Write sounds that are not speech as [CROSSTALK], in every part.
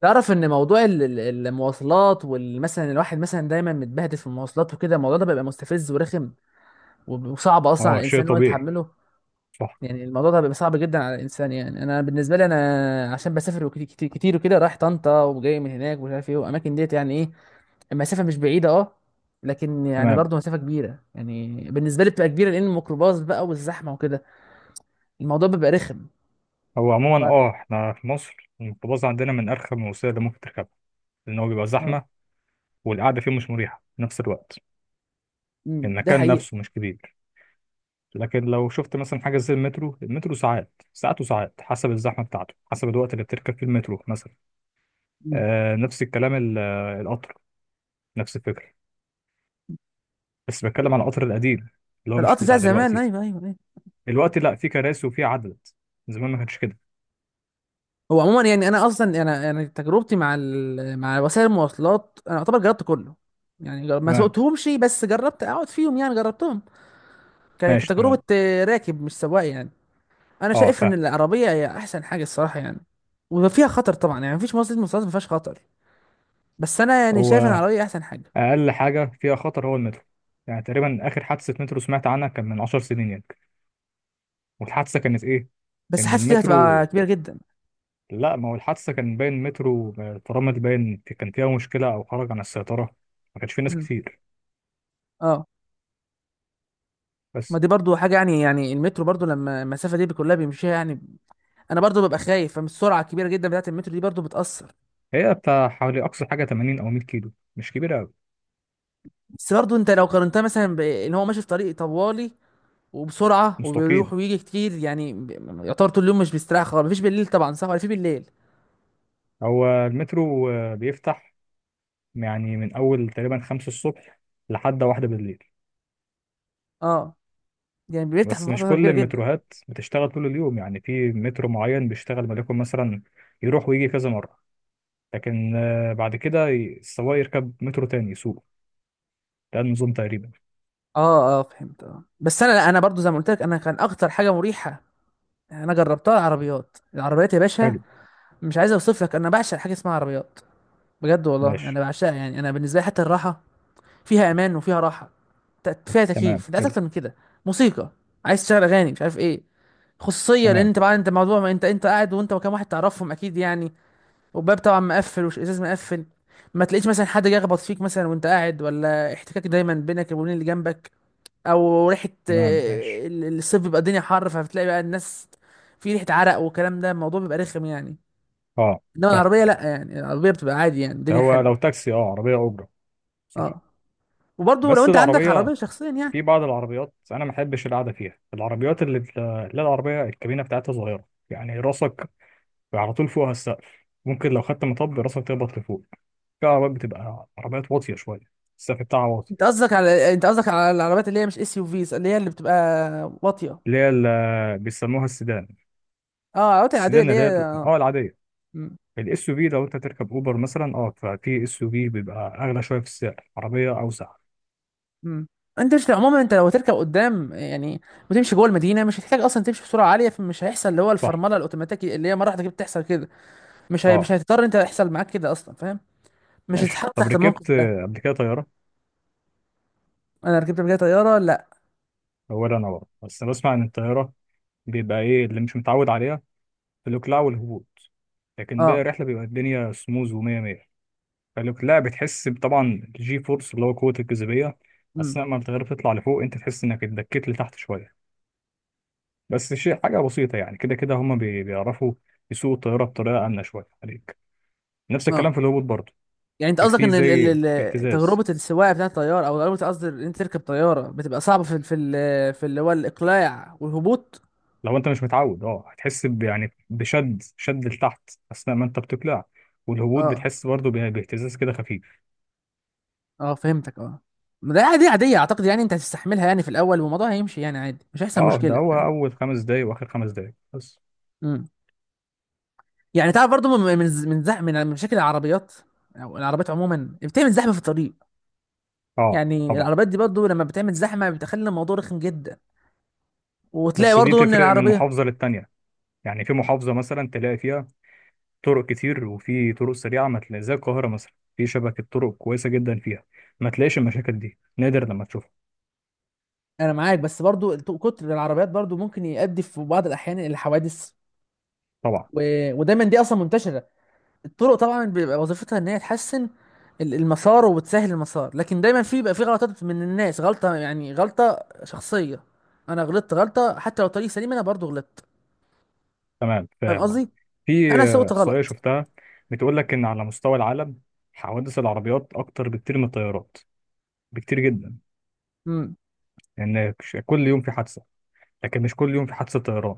تعرف ان موضوع المواصلات والمثلا الواحد مثلا دايما متبهدل في المواصلات وكده، الموضوع ده بيبقى مستفز ورخم، وصعب اصلا على اه، شيء الانسان ان هو طبيعي. يتحمله. صح. يعني الموضوع ده بيبقى صعب جدا على الانسان، يعني انا بالنسبه لي، انا عشان بسافر وكتير كتير, كتير وكده، رايح طنطا وجاي من هناك ومش عارف ايه، والاماكن ديت يعني ايه. المسافه مش بعيده، اه. لكن يعني تمام. برضه مسافه كبيره، يعني بالنسبه لي بتبقى كبيره لان الميكروباص بقى والزحمه وكده. الموضوع بيبقى رخم. هو ف... عموما احنا في مصر الميكروباص عندنا من ارخم الوسائل اللي ممكن تركبها، لان هو بيبقى آه. زحمه، والقعده فيه مش مريحه في نفس الوقت. أمم. ده المكان حقيقي. نفسه مش كبير. لكن لو شفت مثلا حاجه زي المترو، المترو ساعات ساعات وساعات، حسب الزحمه بتاعته، حسب الوقت اللي بتركب فيه المترو مثلا. أمم. آه، نفس الكلام القطر. نفس الفكره. بس بتكلم على القطر القديم، اللي هو مش القطر بتاع بتاع زمان، دلوقتي. ايوه ايوه ايوه. دلوقتي لا، في كراسي وفي عدد. زمان ما كانش كده. هو عموما، يعني انا اصلا، انا تجربتي مع مع وسائل المواصلات، انا اعتبر جربت كله. يعني ما تمام. سوقتهمش بس جربت اقعد فيهم، يعني جربتهم. ماشي. كتجربه، تمام. راكب مش سواق يعني. انا اه شايف ان فاهم. العربيه هي احسن حاجه الصراحه يعني. وفيها خطر طبعا، يعني مفيش وسيله مواصلات ما فيهاش خطر، بس انا يعني شايف ان هو العربيه احسن حاجه. اقل حاجه فيها خطر هو المترو. يعني تقريبا اخر حادثه مترو سمعت عنها كان من 10 سنين يعني. والحادثه كانت ايه؟ بس ان حاسس دي هتبقى المترو كبيره جدا. لا، ما هو الحادثه كان باين المترو فرامل باين كان فيها مشكله، او خرج عن السيطره. ما كانش فيه ناس مم. كتير اه. ما بس. دي برضو حاجه، يعني المترو برضو لما المسافه دي كلها بيمشيها يعني. انا برضو ببقى خايف فمن السرعه الكبيره جدا بتاعت المترو، دي برضو بتاثر. هي بتاع حوالي اقصى حاجه 80 او 100 كيلو، مش كبيره قوي. بس برضه انت لو قارنتها مثلا بان هو ماشي في طريق طوالي وبسرعه مستقيم. وبيروح ويجي كتير، يعني يعتبر طول اليوم مش بيستريح خالص، مفيش بالليل طبعا، صح ولا في بالليل؟ هو المترو بيفتح يعني من اول تقريبا 5 الصبح لحد واحدة بالليل. اه. يعني بيفتح في بس مش فتره كل كبيره جدا. المتروهات بتشتغل طول اليوم، يعني في مترو معين بيشتغل وليكن مثلا يروح ويجي كذا مرة، لكن بعد كده السواق يركب مترو تاني يسوق. ده النظام تقريبا. اه اه فهمت، اه. بس انا، لا انا برضو زي ما قلت لك، انا كان اكتر حاجه مريحه انا جربتها العربيات، العربيات يا باشا. حلو. مش عايز اوصف لك، انا بعشق حاجه اسمها عربيات، بجد والله ماشي. انا بعشقها يعني. انا بالنسبه لي، حتى الراحه فيها امان وفيها راحه، فيها تمام. تكييف، انت عايز حلو. اكتر من كده؟ موسيقى، عايز تشغل اغاني مش عارف ايه. خصوصيه، لان تمام. انت بعد، انت موضوع ما انت قاعد وانت وكام واحد تعرفهم اكيد يعني. والباب طبعا مقفل والازاز مقفل. ما تلاقيش مثلا حد جاي يخبط فيك مثلا وانت قاعد، ولا احتكاك دايما بينك وبين اللي جنبك، او ريحه. تمام. ماشي. الصيف بيبقى الدنيا حر، فبتلاقي بقى الناس في ريحه عرق والكلام ده، الموضوع بيبقى رخم يعني. اه انما فاهم. العربيه لا، يعني العربيه بتبقى عادي، يعني ده الدنيا هو حلوه. لو تاكسي، اه، عربية أجرة. صح. اه. وبرضه لو بس انت عندك العربية، عربيه شخصيا يعني. في بعض العربيات أنا ما بحبش القعدة فيها، العربيات اللي العربية الكابينة بتاعتها صغيرة، يعني راسك على طول فوقها السقف، ممكن لو خدت مطب راسك تخبط لفوق. في عربيات بتبقى عربيات واطية شوية، السقف بتاعها واطي. انت قصدك على العربيات اللي هي مش اس يو فيز، اللي هي بتبقى واطيه. اللي هي اللي بيسموها السيدان. اه العربيات العاديه السيدان اللي اللي هي، هي اه، اه. العادية. مم. الاس يو في لو انت تركب اوبر مثلا، اه، ففي اس يو في بيبقى اغلى شوية في السعر، عربية اوسع. مم. انت، مش عموما، انت لو هتركب قدام يعني وتمشي جوه المدينه، مش هتحتاج اصلا تمشي بسرعه عاليه، فمش هيحصل اللي هو صح. الفرمله الاوتوماتيكي اللي هي مره واحده كده بتحصل كده. اه مش هتضطر انت يحصل معاك كده اصلا، فاهم. مش ماشي. هتتحط طب تحت الموقف ركبت ده. قبل كده طيارة؟ انا ركبت قبل كده طياره، لا. اولا انا برضه، بس انا بسمع ان الطيارة بيبقى ايه اللي مش متعود عليها، الاقلاع والهبوط، لكن باقي اه. الرحلة بيبقى الدنيا سموز ومية مية. فالاقلاع بتحس طبعا الجي فورس، اللي هو قوة الجاذبية، امم. اثناء ما بتغير تطلع لفوق انت تحس انك اتدكيت لتحت شوية. بس شيء حاجة بسيطة، يعني كده كده هما بيعرفوا يسوقوا الطيارة بطريقة آمنة شوية عليك. نفس اه. الكلام في الهبوط برضه، يعني انت قصدك في ان زي اهتزاز. تجربه السواقه بتاعت الطياره، او تجربه، قصدي ان انت تركب طياره بتبقى صعبه في اللي هو الاقلاع والهبوط. لو انت مش متعود، اه هتحس يعني بشد شد لتحت اثناء ما انت بتقلع، والهبوط اه بتحس برضه باهتزاز كده خفيف. اه فهمتك، اه. ما ده عادي، عادية اعتقد يعني، انت هتستحملها يعني في الاول، والموضوع هيمشي يعني عادي، مش هيحصل اه، ده مشكلة، هو فاهم. اول خمس دقايق واخر خمس دقايق بس. امم. يعني تعرف برضو، من من من زح من من مشاكل العربيات، او العربيات عموما بتعمل زحمة في الطريق. اه يعني طبعا. العربيات دي برضو لما بتعمل زحمة بتخلي الموضوع رخم جدا. وتلاقي بس دي برضو ان تفرق من العربية، محافظة للتانية، يعني في محافظة مثلا تلاقي فيها طرق كتير وفي طرق سريعة، ما تلاقي زي القاهرة مثلا في شبكة طرق كويسة جدا فيها، ما تلاقيش المشاكل دي، نادر لما تشوفها. انا معاك، بس برضو كتر العربيات برضو ممكن يؤدي في بعض الاحيان الى حوادث، طبعا. و... ودايما دي اصلا منتشرة. الطرق طبعا بيبقى وظيفتها ان هي تحسن المسار وبتسهل المسار، لكن دايما في بيبقى في غلطات من الناس، غلطه يعني غلطه شخصيه. انا غلطت غلطه حتى لو طريق سليم، انا برضو غلطت، تمام فاهم فاهم. اه، قصدي، في انا سويت إحصائية غلط. شفتها بتقول لك إن على مستوى العالم حوادث العربيات أكتر بكتير من الطيارات، بكتير جدا، امم. لأن كل يوم في حادثة، لكن مش كل يوم في حادثة طيران،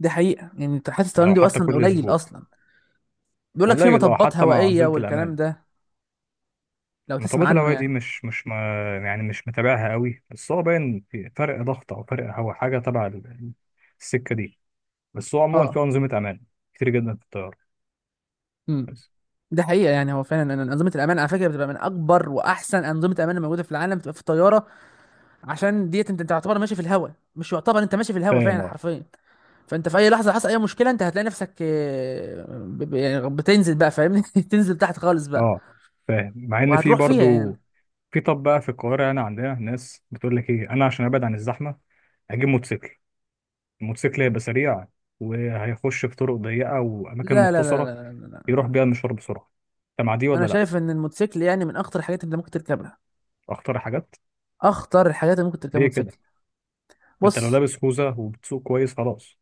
دي حقيقه، يعني انت حاسس الطيران ولو دي حتى اصلا كل قليل أسبوع. اصلا، بيقول لك في قليل، اه، مطبات حتى مع هوائيه أنظمة والكلام الأمان. ده، لو تسمع مطبات عنه الهواء دي يعني. مش ما، يعني مش متابعها قوي، بس هو باين في فرق ضغط او فرق، هو حاجه تبع السكه دي. بس هو عموما في اه. انظمه امان كتير جدا في الطياره. امم. بس. ده حقيقه، يعني هو فعلا أن انظمه الامان على فكره بتبقى من اكبر واحسن انظمه امان الموجوده في العالم، بتبقى في الطياره. عشان ديت انت تعتبر ماشي في الهواء، مش يعتبر انت ماشي في الهواء فاهم، فعلا اه. حرفيا. فانت في اي لحظه حصل اي مشكله، انت هتلاقي نفسك، يعني بتنزل بقى فاهمني. [LAUGHS] تنزل تحت خالص بقى، اه فاهم. مع ان في وهتروح فيها يعني. برضو، في. طب بقى في القاهره هنا عندنا ناس بتقول لك ايه، انا عشان ابعد عن الزحمه هجيب موتوسيكل. الموتوسيكل هيبقى سريع، وهيخش في طرق ضيقه واماكن لا لا لا مختصره، لا لا, يروح لا. بيها المشوار بسرعه. انت مع دي انا ولا لا؟ شايف ان الموتوسيكل يعني من اخطر الحاجات اللي ممكن تركبها، اختار حاجات. اخطر الحاجات اللي ممكن تركبها ليه كده؟ موتوسيكل. انت لو بص. لابس خوذه وبتسوق كويس خلاص.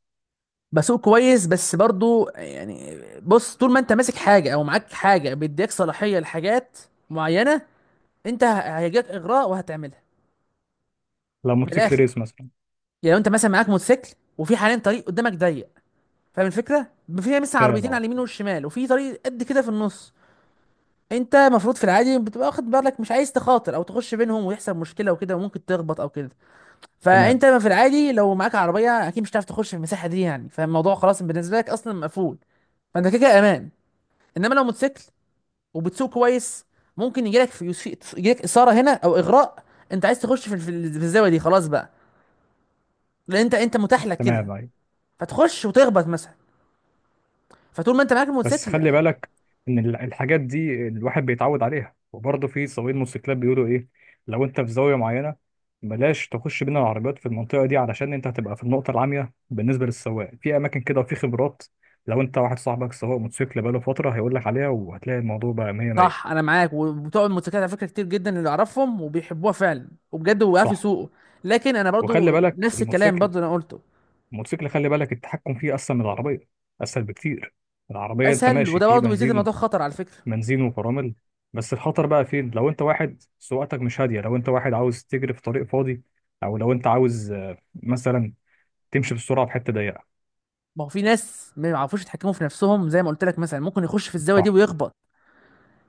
بسوق كويس بس برضو، يعني بص، طول ما انت ماسك حاجه او معاك حاجه بيديك صلاحيه لحاجات معينه، انت هيجيك اغراء وهتعملها. لو من موتوسيكل الاخر، ريس مثلا. يعني لو انت مثلا معاك موتوسيكل، وفي حاليا طريق قدامك ضيق، فاهم الفكره، فيها مثل فاهم عربيتين على اه. اليمين والشمال وفي طريق قد كده في النص. انت المفروض في العادي بتبقى واخد بالك، مش عايز تخاطر او تخش بينهم ويحصل مشكله وكده وممكن تخبط او كده. تمام. فانت في العادي لو معاك عربيه، اكيد مش هتعرف تخش في المساحه دي يعني، فالموضوع خلاص بالنسبه لك اصلا مقفول. فانت كده كده امان. انما لو موتوسيكل وبتسوق كويس، ممكن يجيلك اثاره هنا او اغراء، انت عايز تخش في الزاويه دي، خلاص بقى، لان انت متاح لك كده، تمام ايوه. فتخش وتخبط مثلا. فطول ما انت معاك بس الموتوسيكل. خلي بالك ان الحاجات دي الواحد بيتعود عليها، وبرضه في سواقين موتوسيكلات بيقولوا ايه، لو انت في زاويه معينه بلاش تخش بين العربيات في المنطقه دي، علشان انت هتبقى في النقطه العاميه بالنسبه للسواق. في اماكن كده وفي خبرات، لو انت واحد صاحبك سواق موتوسيكل بقاله فتره هيقول لك عليها، وهتلاقي الموضوع بقى 100 صح، 100. انا معاك. وبتوع الموتوسيكلات على فكره كتير جدا اللي اعرفهم وبيحبوها فعلا وبجد، وقف صح. يسوقوا. لكن انا وخلي برضو بالك نفس الكلام الموتوسيكل، برضو اللي انا قلته. الموتوسيكل خلي بالك التحكم فيه اسهل من العربيه، اسهل بكتير. العربية أنت اسهل، ماشي وده في برضو بيزيد بنزين، الموضوع خطر على فكره. بنزين وفرامل. بس الخطر بقى فين؟ لو انت واحد سواقتك مش هاديه، لو انت واحد عاوز تجري في طريق فاضي، او لو انت عاوز مثلا تمشي بسرعه في حته ضيقه. ما هو في ناس ما يعرفوش يتحكموا في نفسهم زي ما قلت لك، مثلا ممكن يخش في الزاويه صح. دي ويخبط.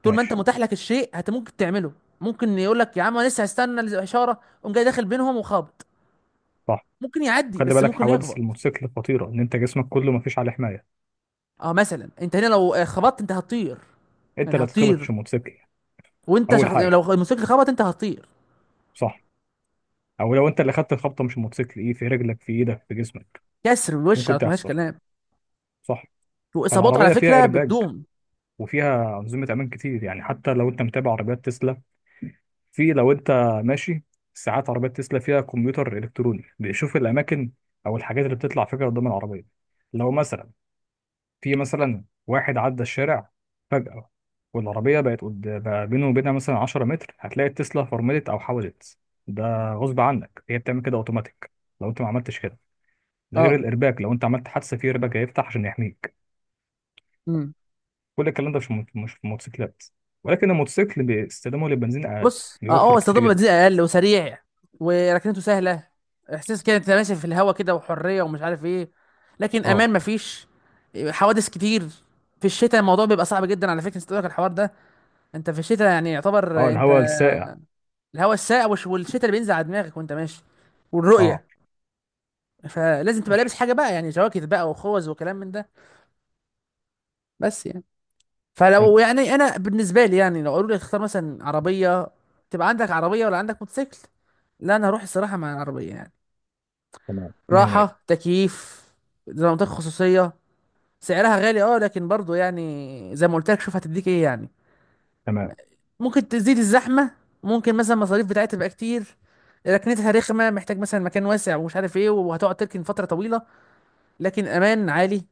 طول ما انت ماشي. متاح لك الشيء، ممكن تعمله. ممكن يقول لك يا عم انا لسه هستنى الاشاره، قوم جاي داخل بينهم وخابط. صح. ممكن يعدي، خلي بس بالك ممكن حوادث يخبط. الموتوسيكل خطيره، ان انت جسمك كله مفيش عليه حمايه. اه مثلا انت هنا لو خبطت، انت هتطير. انت يعني اللي هتتخبط هتطير، مش الموتوسيكل، وانت اول شخص، يعني لو حاجه. الموتوسيكل خبط انت هتطير. صح. او لو انت اللي خدت الخبطه مش الموتوسيكل، ايه؟ في رجلك، في ايدك، في جسمك. كسر وش، ممكن على مفيهاش تحصل. كلام. صح. واصاباته على فالعربيه فيها فكره ايرباج، بتدوم. وفيها انظمه امان كتير، يعني حتى لو انت متابع عربيات تسلا، في، لو انت ماشي ساعات، عربيات تسلا فيها كمبيوتر الكتروني بيشوف الاماكن او الحاجات اللي بتطلع فجاه قدام العربيه. لو مثلا في مثلا واحد عدى الشارع فجاه والعربيه بقى بينه وبينها مثلا 10 متر، هتلاقي التسلا فرملت او حوزت. ده غصب عنك، هي بتعمل كده اوتوماتيك لو انت ما عملتش كده. ده غير اه. الارباك، لو انت عملت حادثه في ارباك هيفتح عشان يحميك. امم. كل الكلام ده مش في مش في الموتوسيكلات. ولكن الموتوسيكل باستخدامه للبنزين اقل، بص، اه بيوفر هو كتير استخدامه جدا. بنزين اقل وسريع، وركنته سهله، احساس كده انت ماشي في الهوا كده وحريه ومش عارف ايه. لكن اه. امان مفيش، حوادث كتير. في الشتاء الموضوع بيبقى صعب جدا على فكره، استوعبك الحوار ده؟ انت في الشتاء، يعني اه، يعتبر انت، الهواء السائع. الهواء الساقع والشتاء اللي بينزل على دماغك وانت ماشي، اه. والرؤيه، فلازم تبقى لابس ماشي. حاجه بقى، يعني جواكت بقى وخوذ وكلام من ده، بس يعني. حلو. فلو، يعني انا بالنسبه لي، يعني لو قالوا لي اختار، مثلا عربيه تبقى عندك عربيه ولا عندك موتوسيكل، لا انا هروح الصراحه مع العربيه يعني. تمام مية مية. راحه، تكييف، زي ما قلت لك، خصوصيه. سعرها غالي اه، لكن برضو يعني زي ما قلت لك، شوف هتديك ايه يعني. تمام. ممكن تزيد الزحمه، ممكن مثلا المصاريف بتاعتها تبقى كتير، ركنتها رخمه، محتاج مثلا مكان واسع ومش عارف ايه، وهتقعد تركن فتره طويله. لكن امان عالي،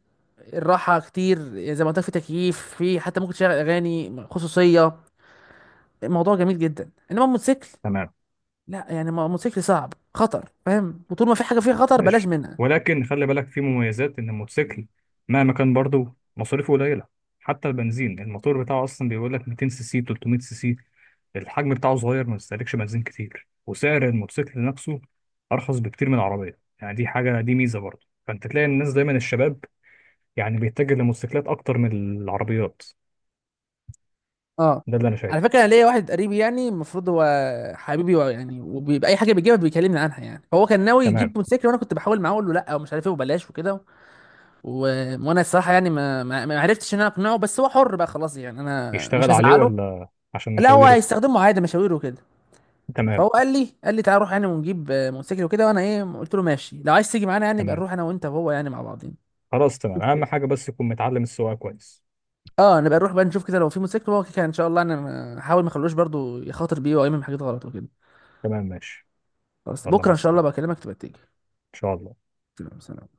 الراحه كتير، زي ما قلت لك في تكييف، في حتى ممكن تشغل اغاني، خصوصيه. الموضوع جميل جدا. انما الموتوسيكل تمام. لا، يعني الموتوسيكل صعب، خطر فاهم، وطول ما في حاجه فيها خطر بلاش ماشي. منها. ولكن خلي بالك في مميزات، إن الموتوسيكل مهما كان برضه مصاريفه قليلة، حتى البنزين، الموتور بتاعه أصلا بيقول لك 200 سي سي، 300 سي سي، الحجم بتاعه صغير ما بيستهلكش بنزين كتير، وسعر الموتوسيكل نفسه أرخص بكتير من العربية، يعني دي حاجة، دي ميزة برضه. فأنت تلاقي الناس دايما، الشباب يعني بيتجه للموتوسيكلات أكتر من العربيات. اه ده اللي أنا على شايفه. فكره انا ليا واحد قريبي يعني، المفروض هو حبيبي، يعني وبيبقى اي حاجه بيجيبها بيكلمني عنها يعني. هو كان ناوي يجيب تمام. موتوسيكل، وانا كنت بحاول معاه اقول له لا ومش عارف ايه وبلاش وكده، و... وانا الصراحه يعني ما عرفتش ان انا اقنعه، بس هو حر بقى خلاص، يعني انا مش يشتغل عليه، هزعله. ولا عشان لا هو مشاويره؟ هيستخدمه عادي، مشاوير وكده. تمام. فهو قال لي تعال نروح يعني ونجيب، موتوسيكل وكده، وانا ايه قلت له ماشي لو عايز تيجي معانا يعني، يبقى تمام نروح انا وانت وهو يعني مع بعضين. خلاص. تمام، شوف اهم كده. حاجه بس يكون متعلم السواقه كويس. اه نبقى نروح بقى نشوف كده لو في موتوسيكل، هو كده ان شاء الله انا هحاول ما اخلوش برضو يخاطر بيه او يعمل حاجات غلط وكده. تمام ماشي. خلاص يلا، بكره مع ان شاء الله السلامه. بكلمك تبقى تيجي. ان شاء الله. تمام، سلام.